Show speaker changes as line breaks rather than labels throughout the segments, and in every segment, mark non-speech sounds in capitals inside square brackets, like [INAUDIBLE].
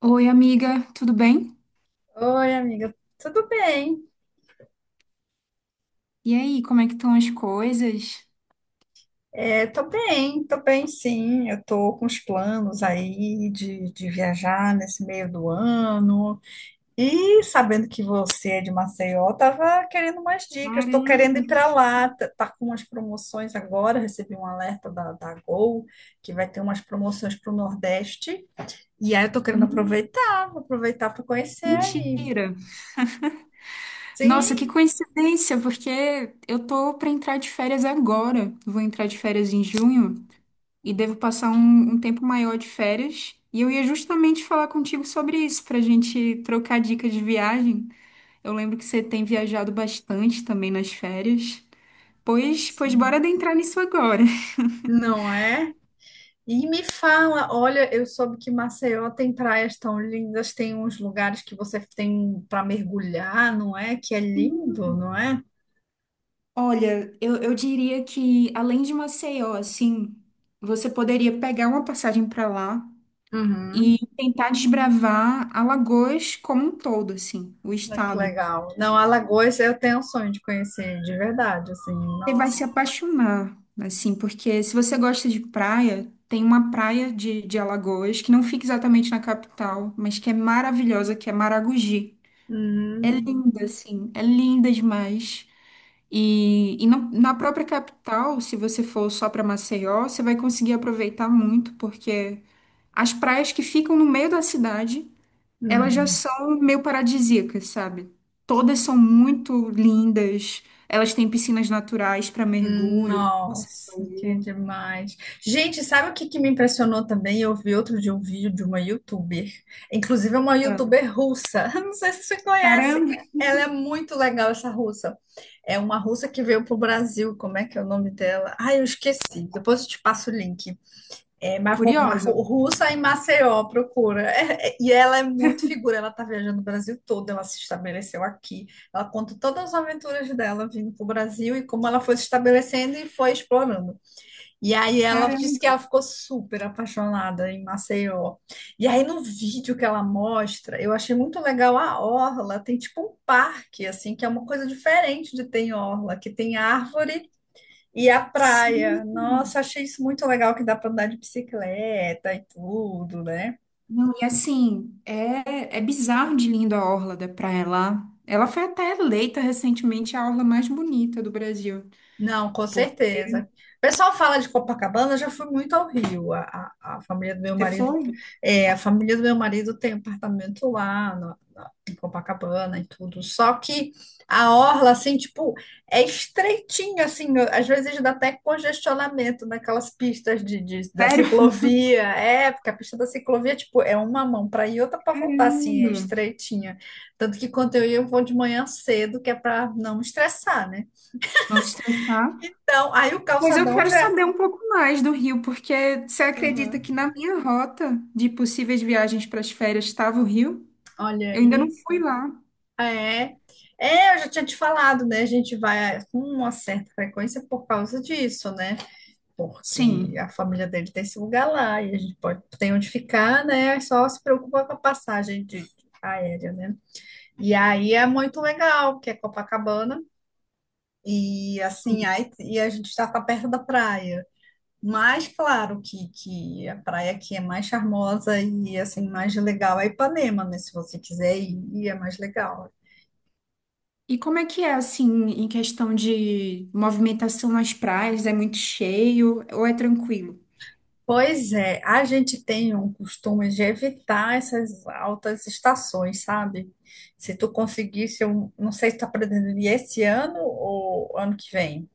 Oi, amiga, tudo bem?
Oi, amiga. Tudo bem?
E aí, como é que estão as coisas?
É, tô bem, sim. Eu tô com os planos aí de viajar nesse meio do ano. E sabendo que você é de Maceió, eu tava querendo umas dicas. Tô querendo
Caramba.
ir para lá. Tá, tá com umas promoções agora. Recebi um alerta da Gol que vai ter umas promoções para o Nordeste. E aí eu tô querendo
Hum.
aproveitar, vou aproveitar para conhecer aí.
Mentira! Nossa, que
Sim,
coincidência, porque eu tô pra entrar de férias agora. Vou entrar de férias em junho e devo passar um tempo maior de férias. E eu ia justamente falar contigo sobre isso, pra gente trocar dicas de viagem. Eu lembro que você tem viajado bastante também nas férias. Pois
sim.
bora adentrar nisso agora.
Não é? E me fala, olha, eu soube que Maceió tem praias tão lindas, tem uns lugares que você tem para mergulhar, não é? Que é lindo, não é?
Olha, eu diria que além de Maceió, assim, você poderia pegar uma passagem para lá e
Uhum.
tentar desbravar Alagoas como um todo, assim, o
Olha que
estado.
legal. Não, Alagoas eu tenho um sonho de conhecer, de verdade, assim,
Você vai
nossa.
se apaixonar, assim, porque se você gosta de praia, tem uma praia de Alagoas que não fica exatamente na capital, mas que é maravilhosa, que é Maragogi. É
Uhum.
linda, assim, é linda demais. Na própria capital, se você for só para Maceió, você vai conseguir aproveitar muito, porque as praias que ficam no meio da cidade, elas já
Uhum.
são meio paradisíacas, sabe? Todas são muito lindas, elas têm piscinas naturais para mergulho, como você
Nossa, que
falou.
demais. Gente, sabe o que me impressionou também? Eu vi outro dia um vídeo de uma youtuber, inclusive é uma
Ah.
youtuber russa. [LAUGHS] Não sei se você conhece.
Caramba.
Ela é muito legal, essa russa. É uma russa que veio pro Brasil. Como é que é o nome dela? Ai, eu esqueci. Depois eu te passo o link. É, Marco,
Curiosa.
russa em Maceió procura. É, e ela é muito figura, ela tá viajando o Brasil todo, ela se estabeleceu aqui. Ela conta todas as aventuras dela vindo pro Brasil e como ela foi se estabelecendo e foi explorando. E aí ela disse que
Caramba.
ela ficou super apaixonada em Maceió. E aí no vídeo que ela mostra, eu achei muito legal a orla, tem tipo um parque assim, que é uma coisa diferente de ter em orla, que tem árvore e a praia. Nossa,
Sim.
achei isso muito legal que dá para andar de bicicleta e tudo, né?
Não, e assim, é bizarro de linda a orla da praia lá. Ela foi até eleita recentemente a orla mais bonita do Brasil.
Não, com
Por...
certeza. O pessoal fala de Copacabana, eu já fui muito ao Rio. A família do meu
Você
marido,
foi?
é, a família do meu marido tem apartamento em Copacabana e tudo. Só que a orla, assim, tipo, é estreitinha, assim, às vezes dá até congestionamento naquelas pistas da
Sério?
ciclovia. É, porque a pista da ciclovia, tipo, é uma mão para ir e outra para voltar, assim, é
Caramba!
estreitinha. Tanto que quando eu ia, eu vou de manhã cedo, que é para não estressar, né?
Vamos estressar.
Então, aí o
Mas eu
calçadão
quero
já.
saber um pouco mais do Rio, porque você acredita
Uhum.
que na minha rota de possíveis viagens para as férias estava o Rio?
Olha
Eu ainda não
aí.
fui lá.
É. É, eu já tinha te falado, né? A gente vai com uma certa frequência por causa disso, né? Porque a
Sim.
família dele tem esse lugar lá e a gente pode tem onde ficar, né? É só se preocupa com a passagem de aérea, né? E aí é muito legal, porque é Copacabana e assim, aí e a gente já tá perto da praia. Mas claro que a praia que é mais charmosa e assim mais legal é Ipanema, né? Se você quiser ir é mais legal.
E como é que é, assim, em questão de movimentação nas praias? É muito cheio ou é tranquilo?
Pois é, a gente tem um costume de evitar essas altas estações, sabe? Se tu conseguisse, eu não sei se tá pretendendo ir esse ano ou ano que vem.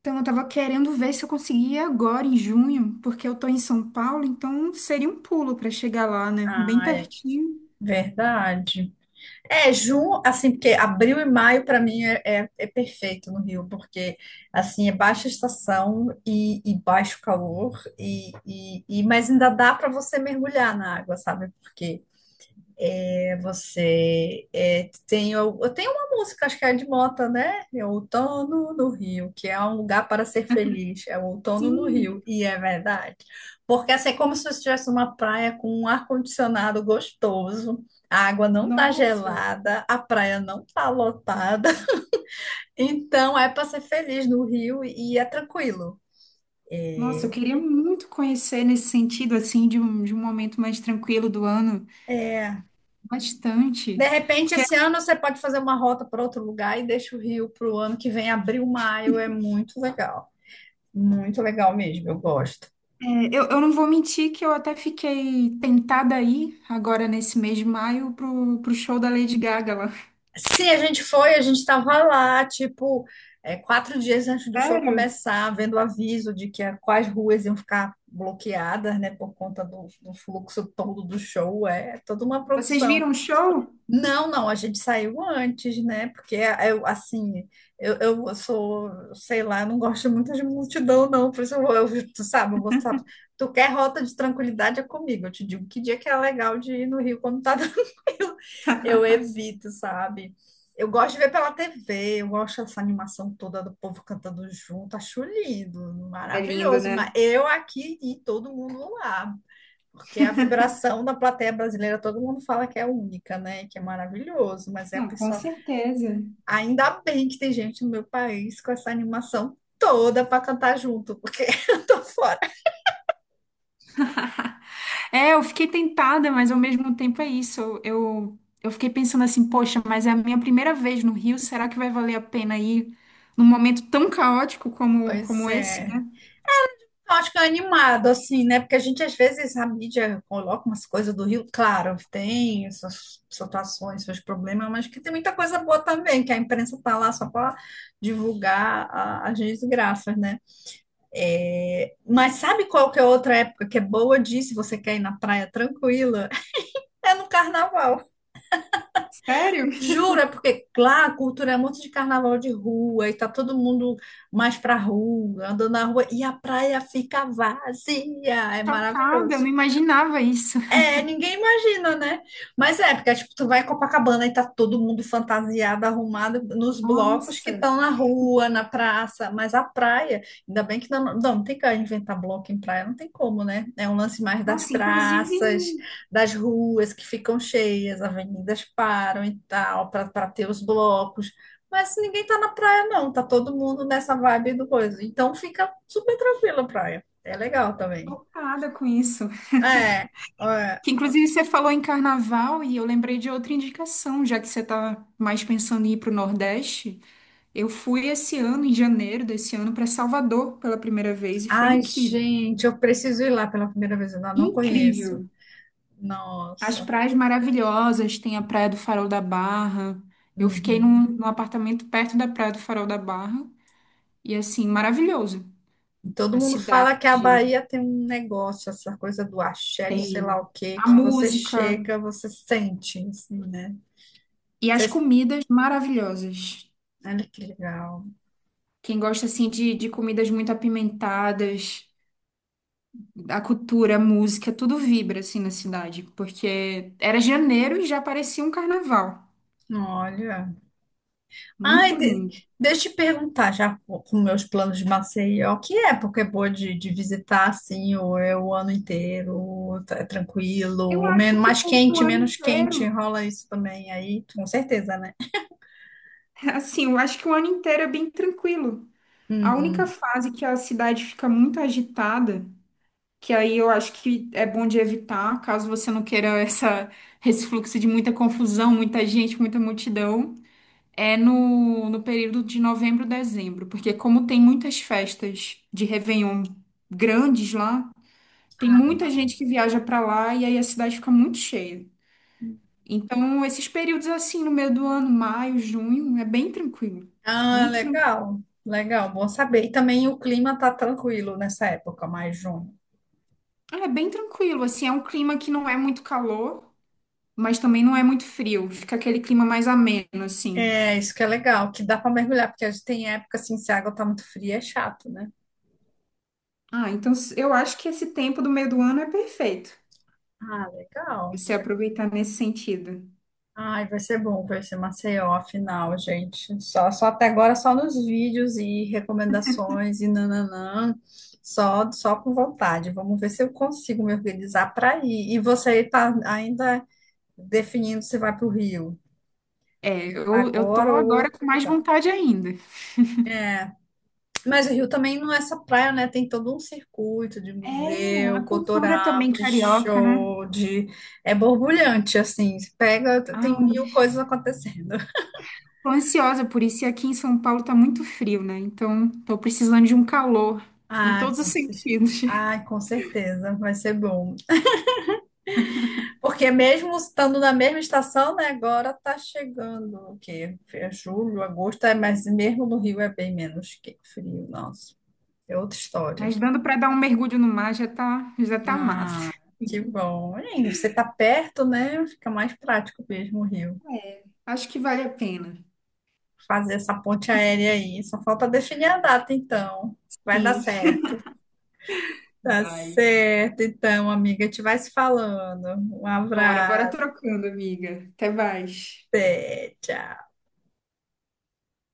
Então, eu tava querendo ver se eu conseguia agora em junho, porque eu tô em São Paulo, então seria um pulo para chegar lá, né? Bem
Ah, é
pertinho.
verdade. É, junho, assim, porque abril e maio para mim é perfeito no Rio, porque assim é baixa estação e baixo calor e mas ainda dá para você mergulhar na água, sabe? Porque é você. É, tem, eu tenho uma música, acho que é de Mota, né? É Outono no Rio, que é um lugar para ser feliz. É o outono no
Sim.
Rio, e é verdade. Porque assim, é como se eu estivesse numa praia com um ar-condicionado gostoso, a água não tá
Nossa,
gelada, a praia não tá lotada. [LAUGHS] Então é para ser feliz no Rio e é tranquilo.
nossa, eu queria muito conhecer nesse sentido, assim, de um momento mais tranquilo do ano,
É.
bastante.
De repente,
Porque é,
esse ano você pode fazer uma rota para outro lugar e deixa o Rio para o ano que vem, abril, maio, é muito legal. Muito legal mesmo, eu gosto.
eu não vou mentir que eu até fiquei tentada aí, agora nesse mês de maio, pro show da Lady Gaga lá.
Sim, a gente foi, a gente estava lá, tipo, é, quatro dias antes do show
Sério?
começar, vendo o aviso de que quais ruas iam ficar bloqueadas, né, por conta do fluxo todo do show. É toda uma
Vocês
produção.
viram o show?
Não, não, a gente saiu antes, né? Porque eh, eu, assim, eu sou, sei lá, não gosto muito de multidão, não. Por isso eu, eu tu sabe, eu vou, sabe, tu quer rota de tranquilidade é comigo. Eu te digo que dia que é legal de ir no Rio quando tá [LAUGHS] tranquilo. Eu
[LAUGHS]
evito, sabe? Eu gosto de ver pela TV, eu gosto dessa animação toda do povo cantando junto, acho lindo,
É lindo,
maravilhoso. Mas
né?
eu aqui e todo mundo lá. Porque a vibração da plateia brasileira, todo mundo fala que é única, né? Que é maravilhoso, mas é a
Não, com
pessoa.
certeza.
Ainda bem que tem gente no meu país com essa animação toda para cantar junto, porque [LAUGHS] eu tô fora.
É, eu fiquei tentada, mas ao mesmo tempo é isso. Eu fiquei pensando assim, poxa, mas é a minha primeira vez no Rio, será que vai valer a pena ir num momento tão caótico como,
Pois
como esse,
é.
né?
Eu acho que é animado, assim, né? Porque a gente, às vezes, a mídia coloca umas coisas do Rio, claro, tem essas situações, seus problemas, mas que tem muita coisa boa também, que a imprensa tá lá só para divulgar as desgraças, né? É, mas sabe qual que é outra época que é boa de ir, se você quer ir na praia tranquila? É no carnaval.
Sério?
Juro, é porque lá a cultura é muito de carnaval de rua e tá todo mundo mais pra rua, andando na rua e a praia fica vazia. É
Chocada, eu não
maravilhoso.
imaginava isso.
É, ninguém imagina, né? Mas é, porque tipo, tu vai em Copacabana e tá todo mundo fantasiado, arrumado nos blocos que
Nossa.
estão na rua, na praça, mas a praia, ainda bem que não, não, não tem que inventar bloco em praia, não tem como, né? É um lance mais das
Nossa, inclusive,
praças, das ruas que ficam cheias, avenidas param e tal, para ter os blocos. Mas ninguém tá na praia, não, tá todo mundo nessa vibe do coisa. Então fica super tranquila a praia. É legal também.
chocada com isso.
É, é.
Que inclusive você falou em carnaval e eu lembrei de outra indicação, já que você tá mais pensando em ir para o Nordeste. Eu fui esse ano, em janeiro desse ano, para Salvador pela primeira vez e foi
Ai,
incrível.
gente, eu preciso ir lá pela primeira vez, eu ainda não conheço.
Incrível. As
Nossa.
praias maravilhosas, tem a Praia do Farol da Barra. Eu fiquei num,
Uhum.
num apartamento perto da Praia do Farol da Barra e assim, maravilhoso.
E todo
A
mundo fala que a
cidade
Bahia tem um negócio, essa coisa do axé, de sei lá
tem
o quê,
a
que você
música
chega, você sente, assim, né?
e as
Vocês-
comidas maravilhosas.
Olha que legal.
Quem gosta assim de comidas muito apimentadas, a cultura, a música, tudo vibra assim na cidade, porque era janeiro e já parecia um carnaval.
Olha. Ai,
Muito
de-
lindo.
deixa eu te perguntar já com meus planos de Maceió, que época é boa de visitar assim, ou é o ano inteiro, é
Eu
tranquilo,
acho
menos,
que
mais
o
quente,
ano
menos quente,
inteiro
rola isso também aí, com certeza, né?
assim, eu acho que o ano inteiro é bem tranquilo. A única
Uhum.
fase que a cidade fica muito agitada, que aí eu acho que é bom de evitar, caso você não queira [LAUGHS] essa, esse fluxo de muita confusão, muita gente, muita multidão, é no período de novembro, dezembro, porque como tem muitas festas de Réveillon grandes lá, tem muita
Ah,
gente que viaja para lá e aí a cidade fica muito cheia. Então, esses períodos assim, no meio do ano, maio, junho, é bem tranquilo.
ah,
Muito tranquilo.
legal, legal, bom saber. E também o clima tá tranquilo nessa época, mais junho.
É bem tranquilo, assim, é um clima que não é muito calor, mas também não é muito frio. Fica aquele clima mais ameno, assim.
É, isso que é legal, que dá para mergulhar, porque a gente tem época assim, se a água tá muito fria, é chato, né?
Ah, então eu acho que esse tempo do meio do ano é perfeito,
Ah, legal.
você aproveitar nesse sentido.
Ai, vai ser bom conhecer Maceió, afinal, gente. Só até agora, só nos vídeos e recomendações e nananã. Só com vontade. Vamos ver se eu consigo me organizar para ir. E você está ainda definindo se vai para o Rio,
É, eu
agora
tô
ou
agora com
outro
mais
lugar.
vontade ainda.
Mas o Rio também não é só praia, né? Tem todo um circuito de
É,
museu,
a cultura
cultural,
também
de
carioca, né?
show, de... É borbulhante, assim. Você pega, tem
Ai,
mil coisas acontecendo.
tô ansiosa por isso, e aqui em São Paulo tá muito frio, né? Então, tô precisando de um calor em
Ah,
todos os
com cer...
sentidos. [LAUGHS]
ah, com certeza, vai ser bom. Porque mesmo estando na mesma estação, né, agora tá chegando o quê? É julho, agosto, é, mas mesmo no Rio é bem menos que frio, nossa. É outra história.
Mas dando pra dar um mergulho no mar já tá massa.
Ah, que bom. E você tá perto, né? Fica mais prático mesmo o Rio.
É, acho que vale a pena.
Fazer essa ponte aérea aí. Só falta definir a data, então. Vai dar
Sim,
certo. Tá
vai.
certo, então, amiga. A gente vai se falando. Um
Bora, bora
abraço.
trocando, amiga. Até mais.
Até, tchau.